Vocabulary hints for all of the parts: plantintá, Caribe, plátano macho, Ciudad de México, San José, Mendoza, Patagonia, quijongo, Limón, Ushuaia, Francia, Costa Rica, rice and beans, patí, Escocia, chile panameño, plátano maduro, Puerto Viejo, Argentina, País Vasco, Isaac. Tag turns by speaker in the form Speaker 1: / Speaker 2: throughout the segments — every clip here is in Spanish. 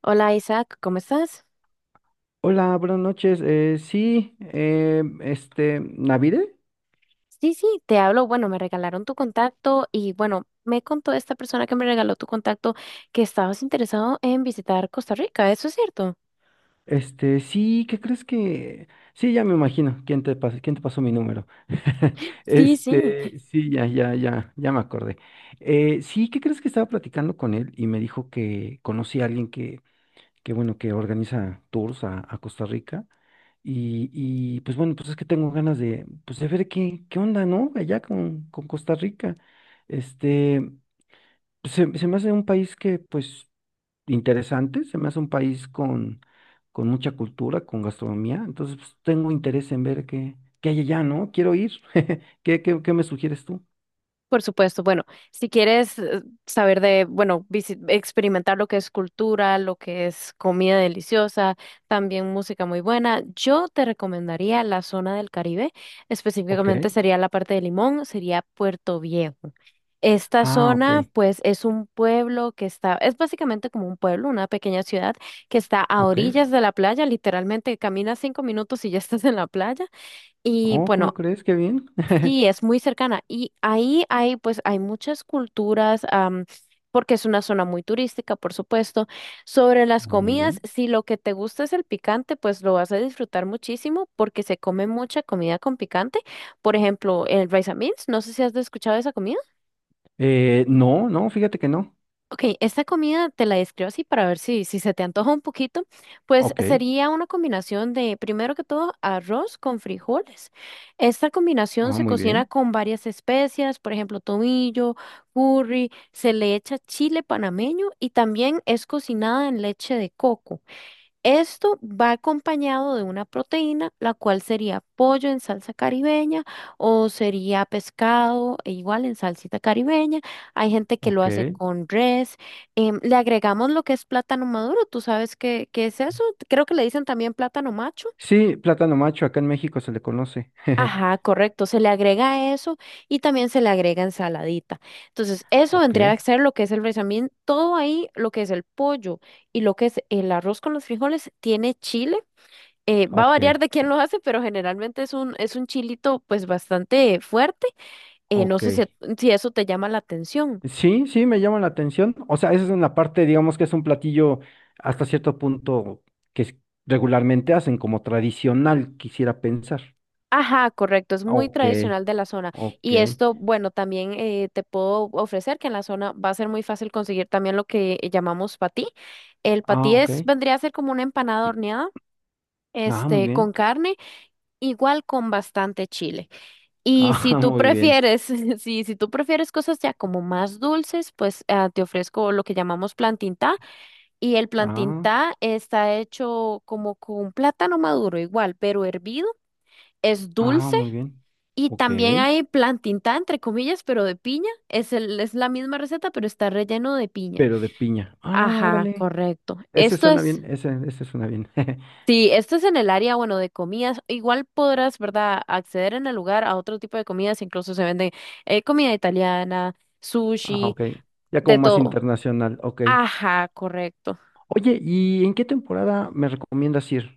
Speaker 1: Hola Isaac, ¿cómo estás?
Speaker 2: Hola, buenas noches. ¿Navide?
Speaker 1: Sí, sí, te hablo. Bueno, me regalaron tu contacto y bueno, me contó esta persona que me regaló tu contacto que estabas interesado en visitar Costa Rica, ¿eso es cierto?
Speaker 2: Sí, ¿qué crees que...? Sí, ya me imagino. Quién te pasó mi número?
Speaker 1: Sí, sí.
Speaker 2: Sí, ya me acordé. Sí, ¿qué crees que estaba platicando con él y me dijo que conocí a alguien que bueno, que organiza tours a Costa Rica y pues bueno, pues es que tengo ganas de, pues de ver qué, qué onda, ¿no? Allá con Costa Rica. Este... se me hace un país que, pues, interesante, se me hace un país con mucha cultura, con gastronomía, entonces pues, tengo interés en ver qué, qué hay allá, ¿no? Quiero ir. ¿Qué, qué, qué me sugieres tú?
Speaker 1: Por supuesto, bueno, si quieres saber de, bueno, experimentar lo que es cultura, lo que es comida deliciosa, también música muy buena, yo te recomendaría la zona del Caribe,
Speaker 2: Ok.
Speaker 1: específicamente sería la parte de Limón, sería Puerto Viejo. Esta
Speaker 2: Ah,
Speaker 1: zona,
Speaker 2: ok,
Speaker 1: pues, es un pueblo que está, es básicamente como un pueblo, una pequeña ciudad que está a
Speaker 2: ok.
Speaker 1: orillas de la playa, literalmente caminas 5 minutos y ya estás en la playa. Y
Speaker 2: Oh, ¿cómo
Speaker 1: bueno,
Speaker 2: crees? Qué bien.
Speaker 1: sí, es muy cercana. Y ahí hay, pues, hay muchas culturas, porque es una zona muy turística, por supuesto. Sobre las
Speaker 2: Muy
Speaker 1: comidas,
Speaker 2: bien.
Speaker 1: si lo que te gusta es el picante, pues lo vas a disfrutar muchísimo porque se come mucha comida con picante. Por ejemplo, el rice and beans, no sé si has escuchado esa comida.
Speaker 2: No, no, fíjate que no.
Speaker 1: Ok, esta comida te la describo así para ver si se te antoja un poquito. Pues
Speaker 2: Ok.
Speaker 1: sería una combinación de, primero que todo, arroz con frijoles. Esta combinación
Speaker 2: Ah,
Speaker 1: se
Speaker 2: muy
Speaker 1: cocina
Speaker 2: bien.
Speaker 1: con varias especias, por ejemplo, tomillo, curry, se le echa chile panameño y también es cocinada en leche de coco. Esto va acompañado de una proteína, la cual sería pollo en salsa caribeña o sería pescado e igual en salsita caribeña. Hay gente que lo
Speaker 2: Ok.
Speaker 1: hace con res. Le agregamos lo que es plátano maduro. ¿Tú sabes qué es eso? Creo que le dicen también plátano macho.
Speaker 2: Sí, plátano macho, acá en México se le conoce.
Speaker 1: Ajá, correcto. Se le agrega eso y también se le agrega ensaladita. Entonces, eso
Speaker 2: Ok,
Speaker 1: vendría a ser lo que es el también todo ahí, lo que es el pollo y lo que es el arroz con los frijoles, tiene chile. Va a
Speaker 2: ok,
Speaker 1: variar de quién lo hace, pero generalmente es un chilito pues bastante fuerte. No
Speaker 2: ok.
Speaker 1: sé si eso te llama la atención.
Speaker 2: Sí, sí, me llama la atención. O sea, esa es en la parte, digamos que es un platillo hasta cierto punto que es- regularmente hacen como tradicional, quisiera pensar.
Speaker 1: Ajá, correcto, es muy
Speaker 2: Ok,
Speaker 1: tradicional de la zona.
Speaker 2: ok.
Speaker 1: Y esto, bueno, también te puedo ofrecer que en la zona va a ser muy fácil conseguir también lo que llamamos patí. El patí
Speaker 2: Ah, ok.
Speaker 1: es, vendría a ser como una empanada horneada,
Speaker 2: Ah, muy
Speaker 1: este,
Speaker 2: bien.
Speaker 1: con carne, igual con bastante chile. Y si
Speaker 2: Ah,
Speaker 1: tú
Speaker 2: muy bien.
Speaker 1: prefieres, si tú prefieres cosas ya como más dulces, pues te ofrezco lo que llamamos plantita. Y el
Speaker 2: Ah,
Speaker 1: plantintá está hecho como con plátano maduro igual, pero hervido, es
Speaker 2: ah,
Speaker 1: dulce.
Speaker 2: muy bien.
Speaker 1: Y
Speaker 2: Ok.
Speaker 1: también hay plantintá, entre comillas, pero de piña. Es la misma receta, pero está relleno de piña.
Speaker 2: Pero de piña. Ah,
Speaker 1: Ajá,
Speaker 2: órale.
Speaker 1: correcto.
Speaker 2: Ese suena bien, ese suena bien.
Speaker 1: Sí, esto es en el área, bueno, de comidas. Igual podrás, ¿verdad?, acceder en el lugar a otro tipo de comidas. Incluso se venden comida italiana,
Speaker 2: Ah,
Speaker 1: sushi,
Speaker 2: ok. Ya como
Speaker 1: de
Speaker 2: más
Speaker 1: todo.
Speaker 2: internacional, ok.
Speaker 1: Ajá, correcto.
Speaker 2: Oye, ¿y en qué temporada me recomiendas ir?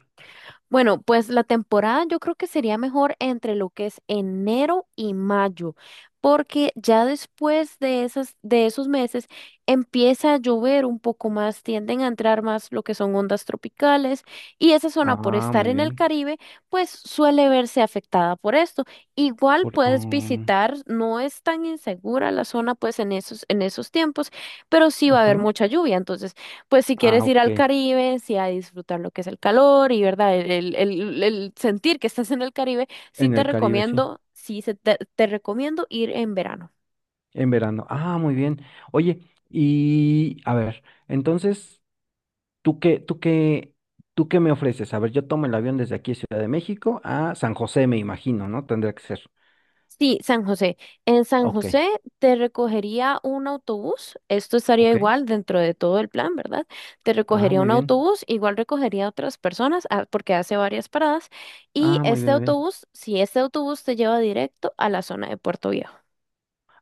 Speaker 1: Bueno, pues la temporada yo creo que sería mejor entre lo que es enero y mayo, porque ya después de esos meses empieza a llover un poco más, tienden a entrar más lo que son ondas tropicales y esa zona por
Speaker 2: Ah,
Speaker 1: estar
Speaker 2: muy
Speaker 1: en el
Speaker 2: bien.
Speaker 1: Caribe, pues suele verse afectada por esto. Igual
Speaker 2: Por,
Speaker 1: puedes
Speaker 2: ah,
Speaker 1: visitar, no es tan insegura la zona pues en esos tiempos, pero sí va a haber
Speaker 2: ajá.
Speaker 1: mucha lluvia, entonces pues si
Speaker 2: Ah,
Speaker 1: quieres ir
Speaker 2: ok.
Speaker 1: al Caribe, sí a disfrutar lo que es el calor y verdad, el sentir que estás en el Caribe, sí
Speaker 2: En
Speaker 1: te
Speaker 2: el Caribe, sí.
Speaker 1: recomiendo, te recomiendo ir en verano.
Speaker 2: En verano. Ah, muy bien. Oye, y a ver, entonces, ¿tú qué, tú qué, ¿tú qué me ofreces? A ver, yo tomo el avión desde aquí, Ciudad de México, a San José, me imagino, ¿no? Tendría que ser.
Speaker 1: Sí, San José. En San
Speaker 2: Ok,
Speaker 1: José te recogería un autobús. Esto estaría
Speaker 2: ok.
Speaker 1: igual dentro de todo el plan, ¿verdad? Te
Speaker 2: Ah,
Speaker 1: recogería
Speaker 2: muy
Speaker 1: un
Speaker 2: bien.
Speaker 1: autobús, igual recogería a otras personas porque hace varias paradas. Y
Speaker 2: Ah, muy
Speaker 1: este
Speaker 2: bien, muy bien.
Speaker 1: autobús, si este autobús te lleva directo a la zona de Puerto Viejo.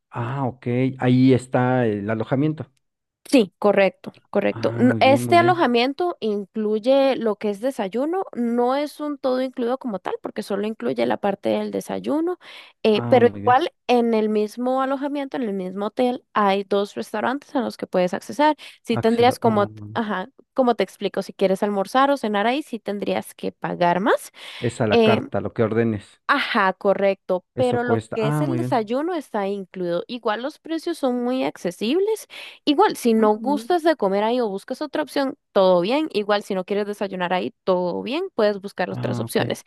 Speaker 2: Ah, ok. Ahí está el alojamiento.
Speaker 1: Sí, correcto, correcto.
Speaker 2: Ah, muy bien,
Speaker 1: Este
Speaker 2: muy bien.
Speaker 1: alojamiento incluye lo que es desayuno, no es un todo incluido como tal, porque solo incluye la parte del desayuno,
Speaker 2: Ah,
Speaker 1: pero
Speaker 2: muy bien.
Speaker 1: igual en el mismo alojamiento, en el mismo hotel, hay dos restaurantes a los que puedes accesar. Si
Speaker 2: Acceda.
Speaker 1: tendrías como,
Speaker 2: Oh,
Speaker 1: ajá, como te explico, si quieres almorzar o cenar ahí, sí tendrías que pagar más.
Speaker 2: es a la
Speaker 1: eh,
Speaker 2: carta, lo que ordenes.
Speaker 1: Ajá, correcto,
Speaker 2: Eso
Speaker 1: pero lo
Speaker 2: cuesta.
Speaker 1: que es
Speaker 2: Ah,
Speaker 1: el
Speaker 2: muy bien.
Speaker 1: desayuno está incluido. Igual los precios son muy accesibles. Igual, si no
Speaker 2: Ah, muy bien.
Speaker 1: gustas de comer ahí o buscas otra opción, todo bien. Igual, si no quieres desayunar ahí, todo bien, puedes buscar otras
Speaker 2: Ah, ok.
Speaker 1: opciones.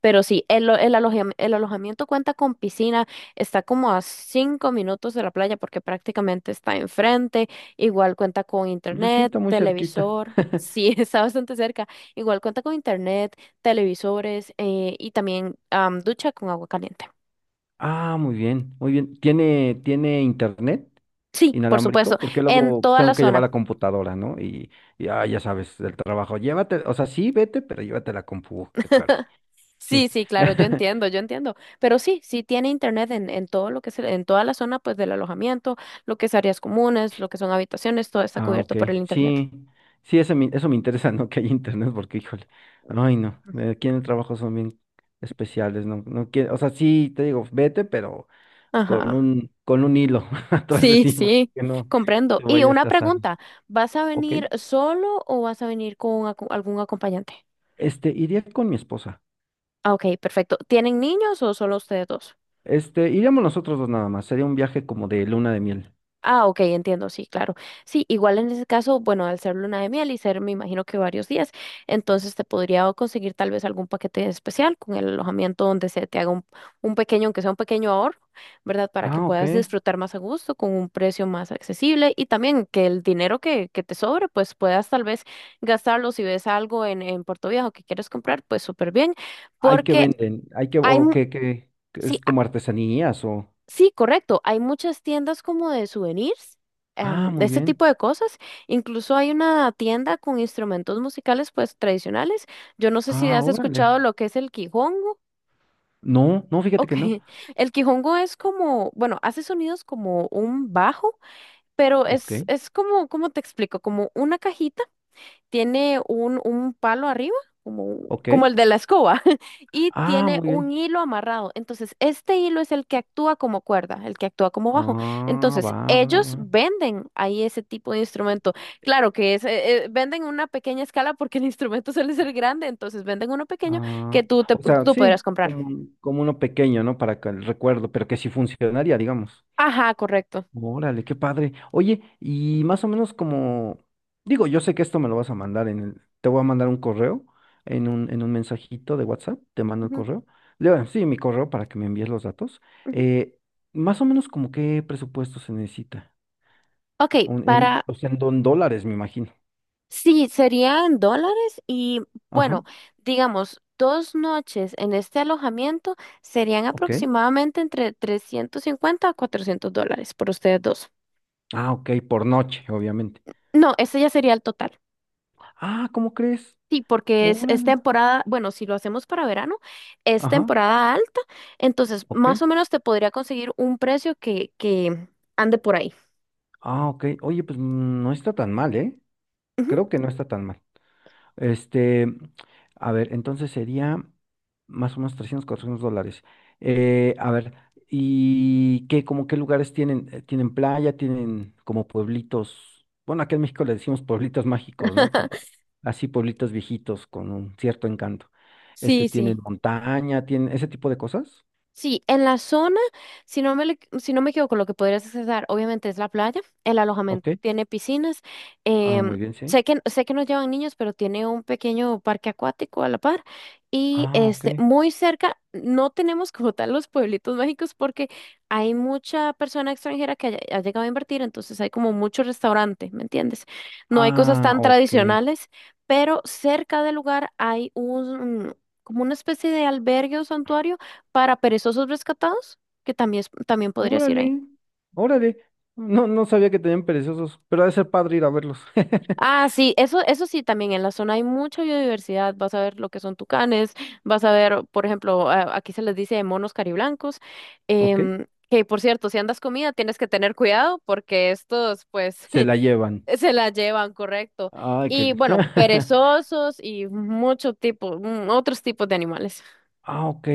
Speaker 1: Pero sí, el alojamiento cuenta con piscina, está como a 5 minutos de la playa porque prácticamente está enfrente. Igual cuenta con
Speaker 2: Pues sí,
Speaker 1: internet,
Speaker 2: está muy cerquita.
Speaker 1: televisor. Sí, está bastante cerca. Igual cuenta con internet televisores y también ducha con agua caliente.
Speaker 2: Ah, muy bien, muy bien. ¿Tiene, tiene internet
Speaker 1: Sí, por supuesto,
Speaker 2: inalámbrico? Porque
Speaker 1: en
Speaker 2: luego pues,
Speaker 1: toda la
Speaker 2: tengo que llevar
Speaker 1: zona.
Speaker 2: la computadora, ¿no? Y ah, ya sabes, el trabajo. Llévate, o sea, sí, vete, pero llévate la compu. Qué caray. Sí.
Speaker 1: Sí, sí, claro, yo entiendo, yo entiendo. Pero sí, sí tiene internet en todo lo que es, en toda la zona pues del alojamiento, lo que es áreas comunes, lo que son habitaciones, todo está
Speaker 2: Ah,
Speaker 1: cubierto
Speaker 2: ok.
Speaker 1: por el internet.
Speaker 2: Sí, sí, eso me interesa, ¿no? Que haya internet, porque, híjole. Ay, no.
Speaker 1: Ujú.
Speaker 2: Aquí en el trabajo son bien especiales, ¿no? No quiero, o sea, sí, te digo, vete, pero
Speaker 1: Ajá.
Speaker 2: con un hilo atrás de
Speaker 1: Sí,
Speaker 2: ti, para
Speaker 1: sí,
Speaker 2: que no te
Speaker 1: comprendo. Y
Speaker 2: vayas
Speaker 1: una
Speaker 2: a salir.
Speaker 1: pregunta, ¿vas a
Speaker 2: Ok,
Speaker 1: venir solo o vas a venir con algún acompañante?
Speaker 2: iría con mi esposa.
Speaker 1: Ah, ok, perfecto. ¿Tienen niños o solo ustedes dos?
Speaker 2: Iríamos nosotros dos nada más. Sería un viaje como de luna de miel.
Speaker 1: Ah, ok, entiendo, sí, claro. Sí, igual en ese caso, bueno, al ser luna de miel y ser, me imagino que varios días, entonces te podría conseguir tal vez algún paquete especial con el alojamiento donde se te haga un, pequeño, aunque sea un pequeño ahorro, ¿verdad? Para que
Speaker 2: Ah, ok.
Speaker 1: puedas disfrutar más a gusto, con un precio más accesible y también que el dinero que te sobre, pues puedas tal vez gastarlo si ves algo en Puerto Viejo que quieres comprar, pues súper bien,
Speaker 2: Hay que
Speaker 1: porque
Speaker 2: venden, hay que,
Speaker 1: hay...
Speaker 2: o
Speaker 1: mu-
Speaker 2: que, que
Speaker 1: sí.
Speaker 2: es como artesanías o.
Speaker 1: Sí, correcto. Hay muchas tiendas como de souvenirs,
Speaker 2: Ah,
Speaker 1: de
Speaker 2: muy
Speaker 1: este
Speaker 2: bien.
Speaker 1: tipo de cosas. Incluso hay una tienda con instrumentos musicales pues tradicionales. Yo no sé si
Speaker 2: Ah,
Speaker 1: has
Speaker 2: órale.
Speaker 1: escuchado lo que es el quijongo.
Speaker 2: No, no, fíjate
Speaker 1: Ok.
Speaker 2: que no.
Speaker 1: El quijongo es como, bueno, hace sonidos como un bajo, pero
Speaker 2: Ok,
Speaker 1: es como, ¿cómo te explico? Como una cajita tiene un palo arriba, como,
Speaker 2: ok.
Speaker 1: como el de la escoba, y
Speaker 2: Ah,
Speaker 1: tiene
Speaker 2: muy
Speaker 1: un
Speaker 2: bien.
Speaker 1: hilo amarrado. Entonces, este hilo es el que actúa como cuerda, el que actúa como bajo.
Speaker 2: Ah, va,
Speaker 1: Entonces,
Speaker 2: va,
Speaker 1: ellos
Speaker 2: va.
Speaker 1: venden ahí ese tipo de instrumento. Claro que venden una pequeña escala porque el instrumento suele ser grande, entonces venden uno pequeño que
Speaker 2: Ah,
Speaker 1: tú, te,
Speaker 2: o sea,
Speaker 1: tú podrás
Speaker 2: sí,
Speaker 1: comprar.
Speaker 2: como, como uno pequeño, ¿no? Para que el recuerdo, pero que sí funcionaría, digamos.
Speaker 1: Ajá, correcto.
Speaker 2: Órale, qué padre. Oye, y más o menos como, digo, yo sé que esto me lo vas a mandar en el, te voy a mandar un correo, en un mensajito de WhatsApp, te mando el
Speaker 1: Ujú,
Speaker 2: correo. Bueno, sí, mi correo para que me envíes los datos.
Speaker 1: ujú.
Speaker 2: Eh, más o menos como qué presupuesto se necesita.
Speaker 1: Ok,
Speaker 2: Un- en,
Speaker 1: para...
Speaker 2: o sea, en don- dólares, me imagino.
Speaker 1: Sí, sería en dólares y bueno,
Speaker 2: Ajá,
Speaker 1: digamos, 2 noches en este alojamiento serían
Speaker 2: ok.
Speaker 1: aproximadamente entre 350 a $400 por ustedes dos.
Speaker 2: Ah, ok, por noche, obviamente.
Speaker 1: No, ese ya sería el total.
Speaker 2: Ah, ¿cómo crees?
Speaker 1: Sí, porque es
Speaker 2: Órale.
Speaker 1: temporada, bueno, si lo hacemos para verano, es
Speaker 2: Ajá,
Speaker 1: temporada alta, entonces
Speaker 2: ok.
Speaker 1: más o menos te podría conseguir un precio que ande por ahí.
Speaker 2: Ah, ok. Oye, pues no está tan mal, ¿eh?
Speaker 1: Ujú.
Speaker 2: Creo que no está tan mal. Este, a ver, entonces sería más o menos 300 $400. A ver, ¿y qué, como qué lugares tienen? ¿Tienen playa? ¿Tienen como pueblitos? Bueno, acá en México le decimos pueblitos mágicos, ¿no? Como así pueblitos viejitos con un cierto encanto.
Speaker 1: Sí, sí.
Speaker 2: ¿Tienen montaña? ¿Tienen ese tipo de cosas?
Speaker 1: Sí, en la zona, si no me equivoco, lo que podrías accesar obviamente es la playa, el alojamiento
Speaker 2: Ok.
Speaker 1: tiene piscinas,
Speaker 2: Ah,
Speaker 1: em,
Speaker 2: muy bien, sí.
Speaker 1: sé que no llevan niños, pero tiene un pequeño parque acuático a la par y
Speaker 2: Ah, ok.
Speaker 1: este, muy cerca, no tenemos como tal los pueblitos mágicos porque hay mucha persona extranjera que ha llegado a invertir, entonces hay como mucho restaurante, ¿me entiendes? No hay cosas
Speaker 2: Ah,
Speaker 1: tan
Speaker 2: ok.
Speaker 1: tradicionales, pero cerca del lugar hay como una especie de albergue o santuario para perezosos rescatados, que también, también podrías ir ahí.
Speaker 2: Órale, órale. No, no sabía que tenían perezosos, pero ha de ser padre ir a verlos.
Speaker 1: Ah, sí, eso sí, también en la zona hay mucha biodiversidad. Vas a ver lo que son tucanes, vas a ver, por ejemplo, aquí se les dice monos cariblancos,
Speaker 2: ¿Ok?
Speaker 1: que por cierto, si andas comida, tienes que tener cuidado porque estos, pues,
Speaker 2: Se la llevan.
Speaker 1: se la llevan, correcto.
Speaker 2: Ay, qué...
Speaker 1: Y bueno, perezosos y mucho tipo, otros tipos de animales.
Speaker 2: Ah, ok.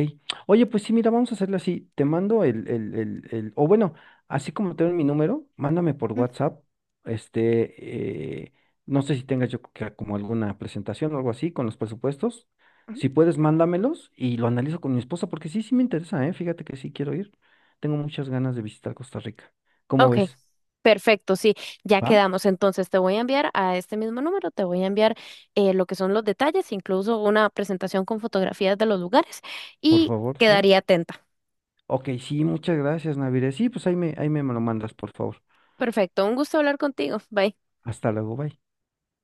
Speaker 2: Oye, pues sí, mira, vamos a hacerlo así. Te mando o bueno, así como tengo mi número, mándame por
Speaker 1: Ujú,
Speaker 2: WhatsApp. Este, eh, no sé si tengas como alguna presentación o algo así con los presupuestos.
Speaker 1: ujú.
Speaker 2: Si puedes, mándamelos y lo analizo con mi esposa, porque sí, sí me interesa, ¿eh? Fíjate que sí quiero ir. Tengo muchas ganas de visitar Costa Rica. ¿Cómo
Speaker 1: Ok.
Speaker 2: ves?
Speaker 1: Perfecto, sí, ya
Speaker 2: ¿Va?
Speaker 1: quedamos. Entonces te voy a enviar a este mismo número, te voy a enviar lo que son los detalles, incluso una presentación con fotografías de los lugares
Speaker 2: Por
Speaker 1: y
Speaker 2: favor, sí.
Speaker 1: quedaría atenta.
Speaker 2: Ok, sí, muchas gracias, Navire. Sí, pues ahí me lo mandas, por favor.
Speaker 1: Perfecto, un gusto hablar contigo. Bye.
Speaker 2: Hasta luego, bye.